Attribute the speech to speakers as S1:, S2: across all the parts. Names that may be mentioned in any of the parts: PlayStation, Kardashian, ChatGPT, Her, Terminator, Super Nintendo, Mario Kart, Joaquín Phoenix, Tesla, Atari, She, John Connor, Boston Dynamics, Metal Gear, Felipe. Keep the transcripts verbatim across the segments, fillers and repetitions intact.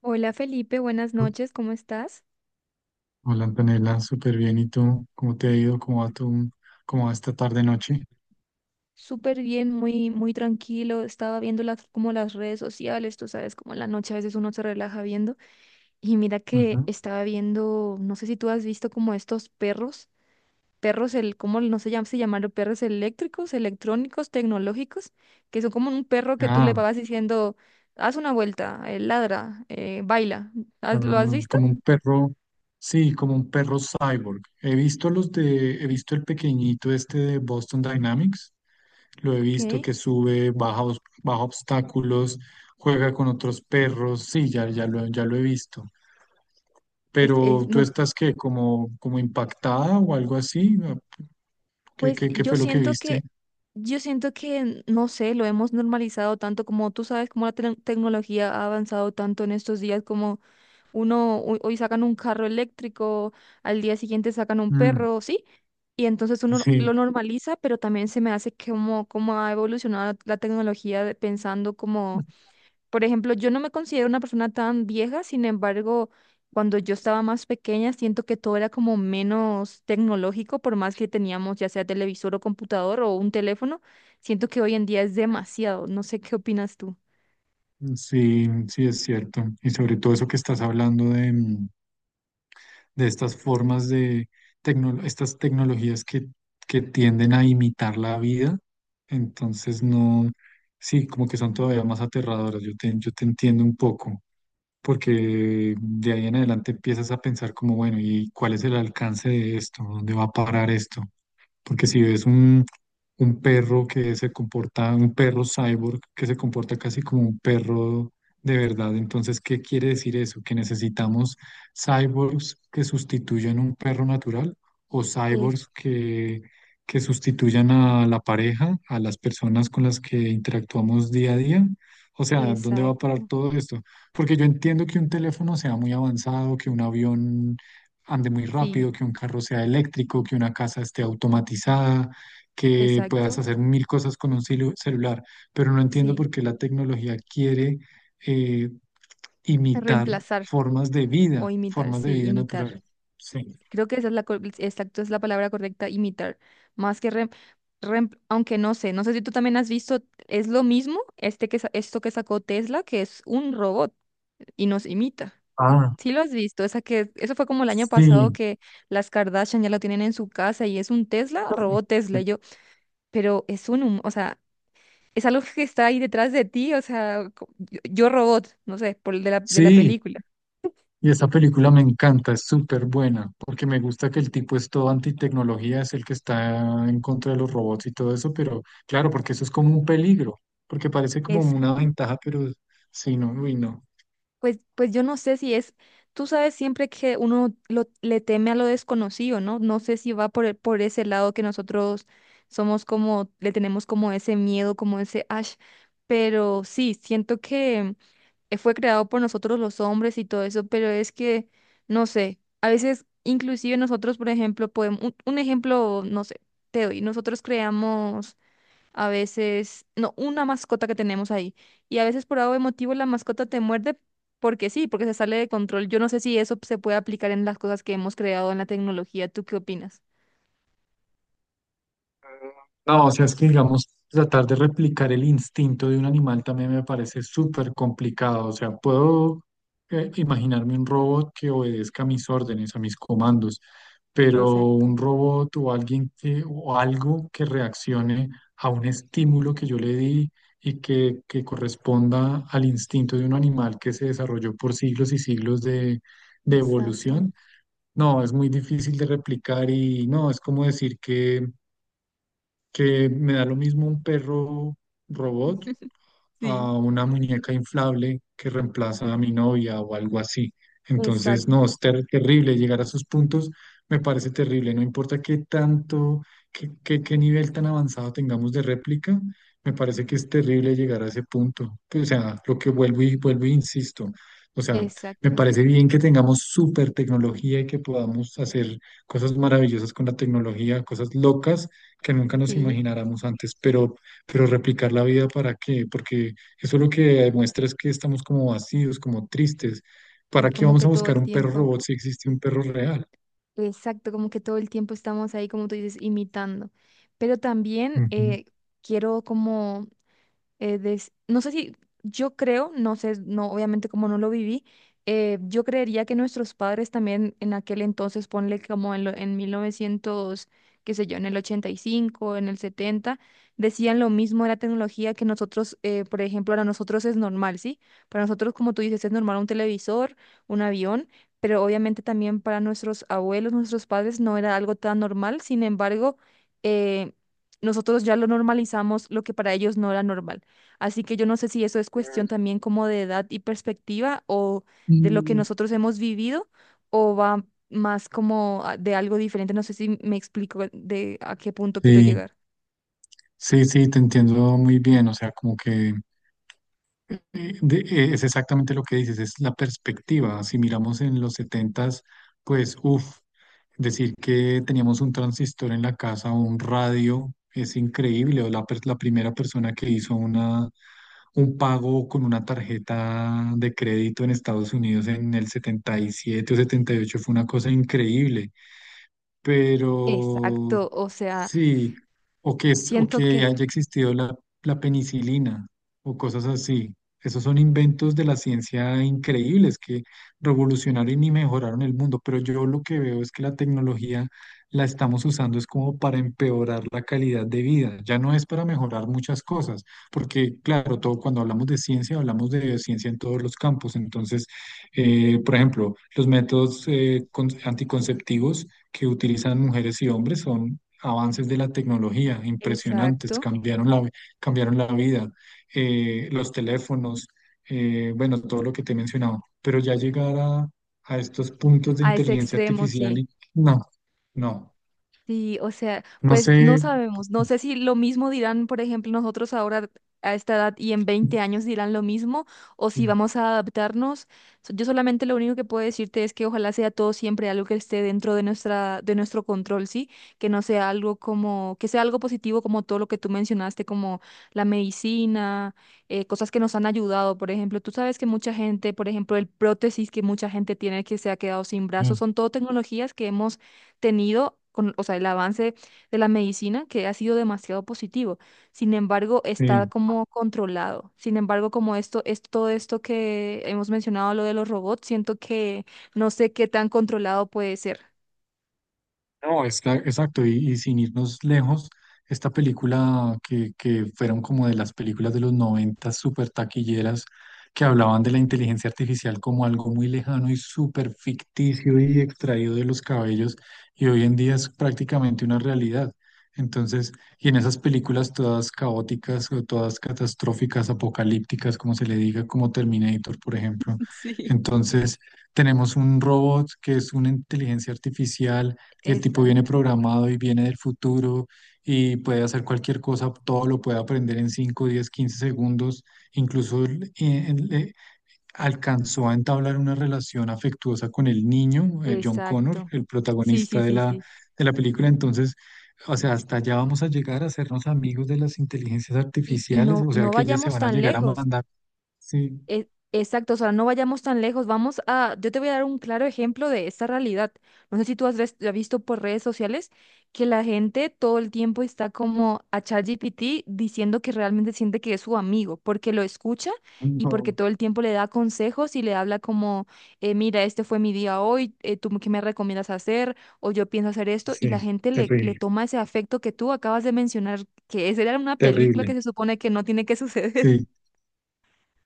S1: Hola Felipe, buenas noches, ¿cómo estás?
S2: Hola Antonella, súper bien. ¿Y tú? ¿Cómo te ha ido? ¿Cómo va tu, ¿cómo va esta tarde noche?
S1: Súper bien, muy, muy tranquilo. Estaba viendo las, como las redes sociales, tú sabes, como en la noche a veces uno se relaja viendo. Y mira que
S2: Ujú.
S1: estaba viendo, no sé si tú has visto como estos perros, perros, el, ¿cómo no se llaman? Se llamaron perros eléctricos, electrónicos, tecnológicos, que son como un perro que tú le
S2: Ah,
S1: vas diciendo, haz una vuelta, eh, ladra, eh, baila.
S2: ah,
S1: ¿Has- ¿Lo has visto?
S2: Como un perro, sí, como un perro cyborg. He visto los de, he visto el pequeñito este de Boston Dynamics. Lo he visto
S1: Ok.
S2: que sube, baja, os- baja obstáculos, juega con otros perros. Sí, ya, ya lo, ya lo he visto.
S1: Es, es,
S2: Pero tú
S1: no.
S2: estás qué, como, como impactada o algo así. ¿Qué,
S1: Pues
S2: qué, ¿qué
S1: yo
S2: fue lo que
S1: siento
S2: viste?
S1: que, yo siento que, no sé, lo hemos normalizado tanto como tú sabes, como la tec- tecnología ha avanzado tanto en estos días, como uno, hoy, hoy sacan un carro eléctrico, al día siguiente sacan un perro, ¿sí? Y entonces uno no, lo
S2: Sí,
S1: normaliza, pero también se me hace que como, como ha evolucionado la tecnología de- pensando como. Por ejemplo, yo no me considero una persona tan vieja, sin embargo, cuando yo estaba más pequeña, siento que todo era como menos tecnológico, por más que teníamos ya sea televisor o computador o un teléfono, siento que hoy en día es demasiado. No sé qué opinas tú.
S2: sí, sí es cierto. Y sobre todo eso que estás hablando de, mm, de estas formas de tecno- estas tecnologías que, que tienden a imitar la vida. Entonces no, sí, como que son todavía más aterradoras. Yo te, yo te entiendo un poco, porque de ahí en adelante empiezas a pensar como, bueno, ¿y cuál es el alcance de esto? ¿Dónde va a parar esto? Porque si ves un, un perro que se comporta, un perro cyborg que se comporta casi como un perro de verdad, entonces, ¿qué quiere decir eso? ¿Que necesitamos cyborgs que sustituyan un perro natural o
S1: Es,
S2: cyborgs que, que sustituyan a la pareja, a las personas con las que interactuamos día a día? O sea, ¿dónde va a parar
S1: exacto.
S2: todo esto? Porque yo entiendo que un teléfono sea muy avanzado, que un avión ande muy
S1: Sí,
S2: rápido, que un carro sea eléctrico, que una casa esté automatizada, que puedas
S1: exacto.
S2: hacer mil cosas con un celu- celular, pero no entiendo
S1: Sí.
S2: por qué la tecnología quiere eh, imitar
S1: Reemplazar
S2: formas de
S1: o
S2: vida,
S1: imitar,
S2: formas
S1: sí,
S2: de vida
S1: imitar.
S2: natural. Sí.
S1: Creo que esa es la, cor- exacto, es la palabra correcta, imitar. Más que rem, rem- Aunque no sé, no sé si tú también has visto, es lo mismo este que, sa- esto que sacó Tesla, que es un robot y nos imita.
S2: Ah,
S1: Sí lo has visto, esa que, eso fue como el año pasado
S2: sí.
S1: que las Kardashian ya lo tienen en su casa y es un Tesla, robot Tesla. Y yo, pero es un, hum- o sea, es algo que está ahí detrás de ti, o sea, co- yo, yo robot, no sé, por el de la, de la
S2: Sí,
S1: película.
S2: y esa película me encanta, es súper buena, porque me gusta que el tipo es todo antitecnología, es el que está en contra de los robots y todo eso, pero claro, porque eso es como un peligro, porque parece como una ventaja, pero sí, no, uy, no.
S1: Pues, pues yo no sé si es, tú sabes siempre que uno lo- le teme a lo desconocido, ¿no? No sé si va por, e- por ese lado que nosotros somos como, le tenemos como ese miedo, como ese ash, pero sí, siento que eh, fue creado por nosotros los hombres y todo eso, pero es que, no sé, a veces inclusive nosotros, por ejemplo, podemos, un, un ejemplo, no sé, te doy, nosotros creamos a veces, no, una mascota que tenemos ahí. Y a veces por algo de motivo la mascota te muerde porque sí, porque se sale de control. Yo no sé si eso se puede aplicar en las cosas que hemos creado en la tecnología. ¿Tú qué opinas?
S2: No, o sea, es que digamos, tratar de replicar el instinto de un animal también me parece súper complicado. O sea, puedo eh, imaginarme un robot que obedezca a mis órdenes, a mis comandos, pero
S1: Exacto,
S2: un robot o alguien que, o algo que reaccione a un estímulo que yo le di y que, que corresponda al instinto de un animal que se desarrolló por siglos y siglos de, de
S1: exacto.
S2: evolución, no, es muy difícil de replicar y no, es como decir que que me da lo mismo un perro robot
S1: Sí,
S2: a una muñeca inflable que reemplaza a mi novia o algo así. Entonces, no,
S1: exacto,
S2: es ter- terrible llegar a esos puntos, me parece terrible, no importa qué tanto, qué, qué, qué nivel tan avanzado tengamos de réplica, me parece que es terrible llegar a ese punto. Pues, o sea, lo que vuelvo y vuelvo e insisto. O sea, me
S1: exacto.
S2: parece bien que tengamos super tecnología y que podamos hacer cosas maravillosas con la tecnología, cosas locas que nunca nos
S1: Sí,
S2: imagináramos antes, pero pero replicar la vida ¿para qué? Porque eso lo que demuestra es que estamos como vacíos, como tristes.
S1: sí,
S2: ¿Para qué
S1: como
S2: vamos
S1: que
S2: a
S1: todo
S2: buscar
S1: el
S2: un perro
S1: tiempo.
S2: robot si existe un perro real?
S1: Exacto, como que todo el tiempo estamos ahí, como tú dices, imitando. Pero también
S2: Ujú.
S1: eh, quiero como eh, des- no sé si, yo creo, no sé, no, obviamente como no lo viví, eh, yo creería que nuestros padres también en aquel entonces, ponle como en, lo- en mil novecientos, qué sé yo, en el ochenta y cinco, en el setenta decían lo mismo de la tecnología que nosotros, eh, por ejemplo, para nosotros es normal, ¿sí? Para nosotros, como tú dices, es normal un televisor, un avión. Pero obviamente también para nuestros abuelos, nuestros padres, no era algo tan normal. Sin embargo, eh, nosotros ya lo normalizamos, lo que para ellos no era normal. Así que yo no sé si eso es cuestión también como de edad y perspectiva o de lo que
S2: Mm,
S1: nosotros hemos vivido o va más como a- de algo diferente. No sé si me explico de a qué punto quiero
S2: Sí,
S1: llegar.
S2: sí, sí, te entiendo muy bien. O sea, como que eh, de- eh, es exactamente lo que dices, es la perspectiva. Si miramos en los setentas, pues, uff, decir que teníamos un transistor en la casa o un radio es increíble. O la, per- la primera persona que hizo una un pago con una tarjeta de crédito en Estados Unidos en el setenta y siete o setenta y ocho fue una cosa increíble, pero
S1: Exacto, o sea,
S2: sí, o que, es, o
S1: siento
S2: que
S1: que,
S2: haya existido la, la penicilina o cosas así. Esos son inventos de la ciencia increíbles que revolucionaron y mejoraron el mundo, pero yo lo que veo es que la tecnología la estamos usando es como para empeorar la calidad de vida, ya no es para mejorar muchas cosas, porque claro, todo cuando hablamos de ciencia, hablamos de ciencia en todos los campos, entonces, eh, por ejemplo, los métodos eh, con- anticonceptivos que utilizan mujeres y hombres son avances de la tecnología impresionantes,
S1: exacto,
S2: cambiaron la, cambiaron la vida, eh, los teléfonos, eh, bueno, todo lo que te he mencionado, pero ya llegar a, a estos puntos de
S1: a ese
S2: inteligencia
S1: extremo,
S2: artificial
S1: sí.
S2: y no, no,
S1: Sí, o sea,
S2: no
S1: pues no
S2: sé.
S1: sabemos, no sé si lo mismo dirán, por ejemplo, nosotros ahora a esta edad y en veinte años dirán lo mismo o si vamos a adaptarnos. So- Yo solamente lo único que puedo decirte es que ojalá sea todo siempre algo que esté dentro de nuestra de nuestro control, ¿sí? Que no sea algo como que sea algo positivo como todo lo que tú mencionaste, como la medicina, eh, cosas que nos han ayudado, por ejemplo, tú sabes que mucha gente, por ejemplo, el prótesis que mucha gente tiene que se ha quedado sin brazos, son todo tecnologías que hemos tenido con, o sea, el avance de la medicina que ha sido demasiado positivo. Sin embargo, está
S2: Sí,
S1: como controlado. Sin embargo, como esto es todo esto que hemos mencionado, lo de los robots, siento que no sé qué tan controlado puede ser.
S2: no, es que exacto, y, y sin irnos lejos, esta película que, que fueron como de las películas de los noventa súper taquilleras, que hablaban de la inteligencia artificial como algo muy lejano y súper ficticio y extraído de los cabellos, y hoy en día es prácticamente una realidad. Entonces, y en esas películas todas caóticas o todas catastróficas, apocalípticas, como se le diga, como Terminator, por ejemplo.
S1: Sí.
S2: Entonces, tenemos un robot que es una inteligencia artificial y el tipo
S1: Exacto.
S2: viene programado y viene del futuro y puede hacer cualquier cosa, todo lo puede aprender en cinco, diez, quince segundos. Incluso el- el- eh, alcanzó a entablar una relación afectuosa con el niño, eh, John Connor,
S1: Exacto.
S2: el
S1: Sí,
S2: protagonista
S1: sí,
S2: de
S1: sí,
S2: la,
S1: sí.
S2: de la película. Entonces, o sea, hasta allá vamos a llegar a hacernos amigos de las inteligencias
S1: Y, y
S2: artificiales,
S1: no,
S2: o sea,
S1: no
S2: que ellas se
S1: vayamos
S2: van a
S1: tan
S2: llegar a
S1: lejos.
S2: mandar. Sí,
S1: E- Exacto, o sea, no vayamos tan lejos. Vamos a, yo te voy a dar un claro ejemplo de esta realidad. No sé si tú has, ves- has visto por redes sociales que la gente todo el tiempo está como a ChatGPT diciendo que realmente siente que es su amigo, porque lo escucha y porque
S2: no,
S1: todo el tiempo le da consejos y le habla como, eh, mira, este fue mi día hoy, eh, ¿tú qué me recomiendas hacer? O yo pienso hacer esto. Y la
S2: sí,
S1: gente le, le
S2: terrible,
S1: toma ese afecto que tú acabas de mencionar, que esa era una película que
S2: terrible.
S1: se supone que no tiene que suceder.
S2: Sí.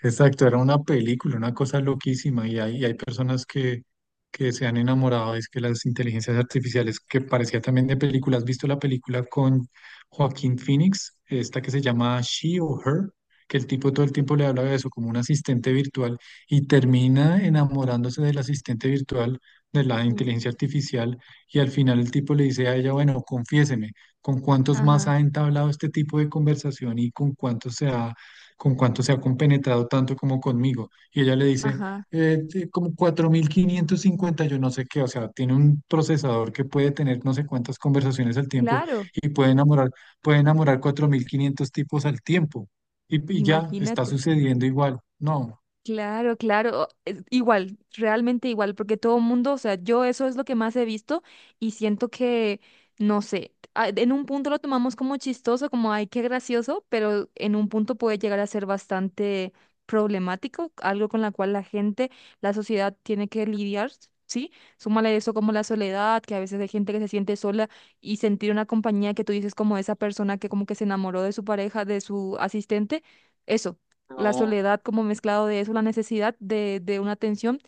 S2: Exacto, era una película, una cosa loquísima y hay, y hay personas que, que se han enamorado, es que las inteligencias artificiales, que parecía también de película, ¿has visto la película con Joaquín Phoenix? Esta que se llama She o Her, que el tipo todo el tiempo le habla de eso como un asistente virtual y termina enamorándose del asistente virtual, de la
S1: Mm.
S2: inteligencia artificial y al final el tipo le dice a ella, bueno, confiéseme, ¿con cuántos más
S1: Ajá,
S2: ha entablado este tipo de conversación y con cuántos se ha con cuánto se ha compenetrado tanto como conmigo? Y ella le dice,
S1: ajá.
S2: eh, te- como cuatro mil quinientos cincuenta yo no sé qué, o sea, tiene un procesador que puede tener no sé cuántas conversaciones al tiempo
S1: Claro,
S2: y puede enamorar, puede enamorar cuatro mil quinientos tipos al tiempo. Y, y ya está
S1: imagínate.
S2: sucediendo igual. No.
S1: Claro, claro. o- es igual, realmente igual, porque todo el mundo, o sea, yo eso es lo que más he visto y siento que, no sé, a- en un punto lo tomamos como chistoso, como, ay, qué gracioso, pero en un punto puede llegar a ser bastante problemático, algo con la cual la gente, la sociedad tiene que lidiar, ¿sí? Súmale eso como la soledad, que a veces hay gente que se siente sola y sentir una compañía que tú dices como esa persona que como que se enamoró de su pareja, de su asistente. Eso la
S2: No,
S1: soledad como mezclado de eso, la necesidad de, de una atención,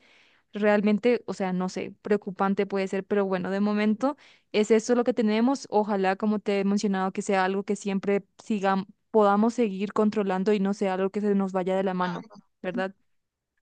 S1: realmente, o sea, no sé, preocupante puede ser, pero bueno, de momento es esto lo que tenemos. Ojalá, como te he mencionado, que sea algo que siempre sigamos, podamos seguir controlando y no sea algo que se nos vaya de la mano, ¿verdad?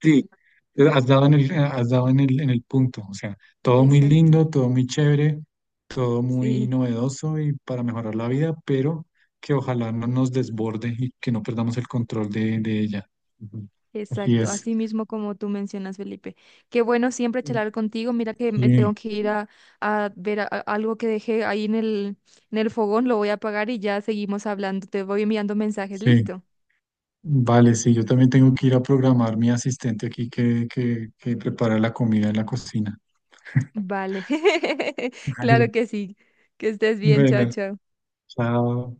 S2: sí, eh, has dado en el, eh, has dado en el, en el punto, o sea, todo muy
S1: Exacto,
S2: lindo, todo muy chévere, todo muy
S1: sí.
S2: novedoso y para mejorar la vida, pero que ojalá no nos desborde y que no perdamos el control de, de ella. Ujú. Así
S1: Exacto,
S2: es.
S1: así mismo como tú mencionas, Felipe. Qué bueno siempre charlar contigo. Mira que me tengo
S2: Sí,
S1: que ir a, a ver a- a- algo que dejé ahí en el, en el fogón, lo voy a apagar y ya seguimos hablando. Te voy enviando mensajes,
S2: sí.
S1: ¿listo?
S2: Vale, sí, yo también tengo que ir a programar mi asistente aquí que, que, que prepara la comida en la cocina.
S1: Vale, claro
S2: Vale.
S1: que sí. Que estés bien, chao,
S2: Bueno,
S1: chao.
S2: chao.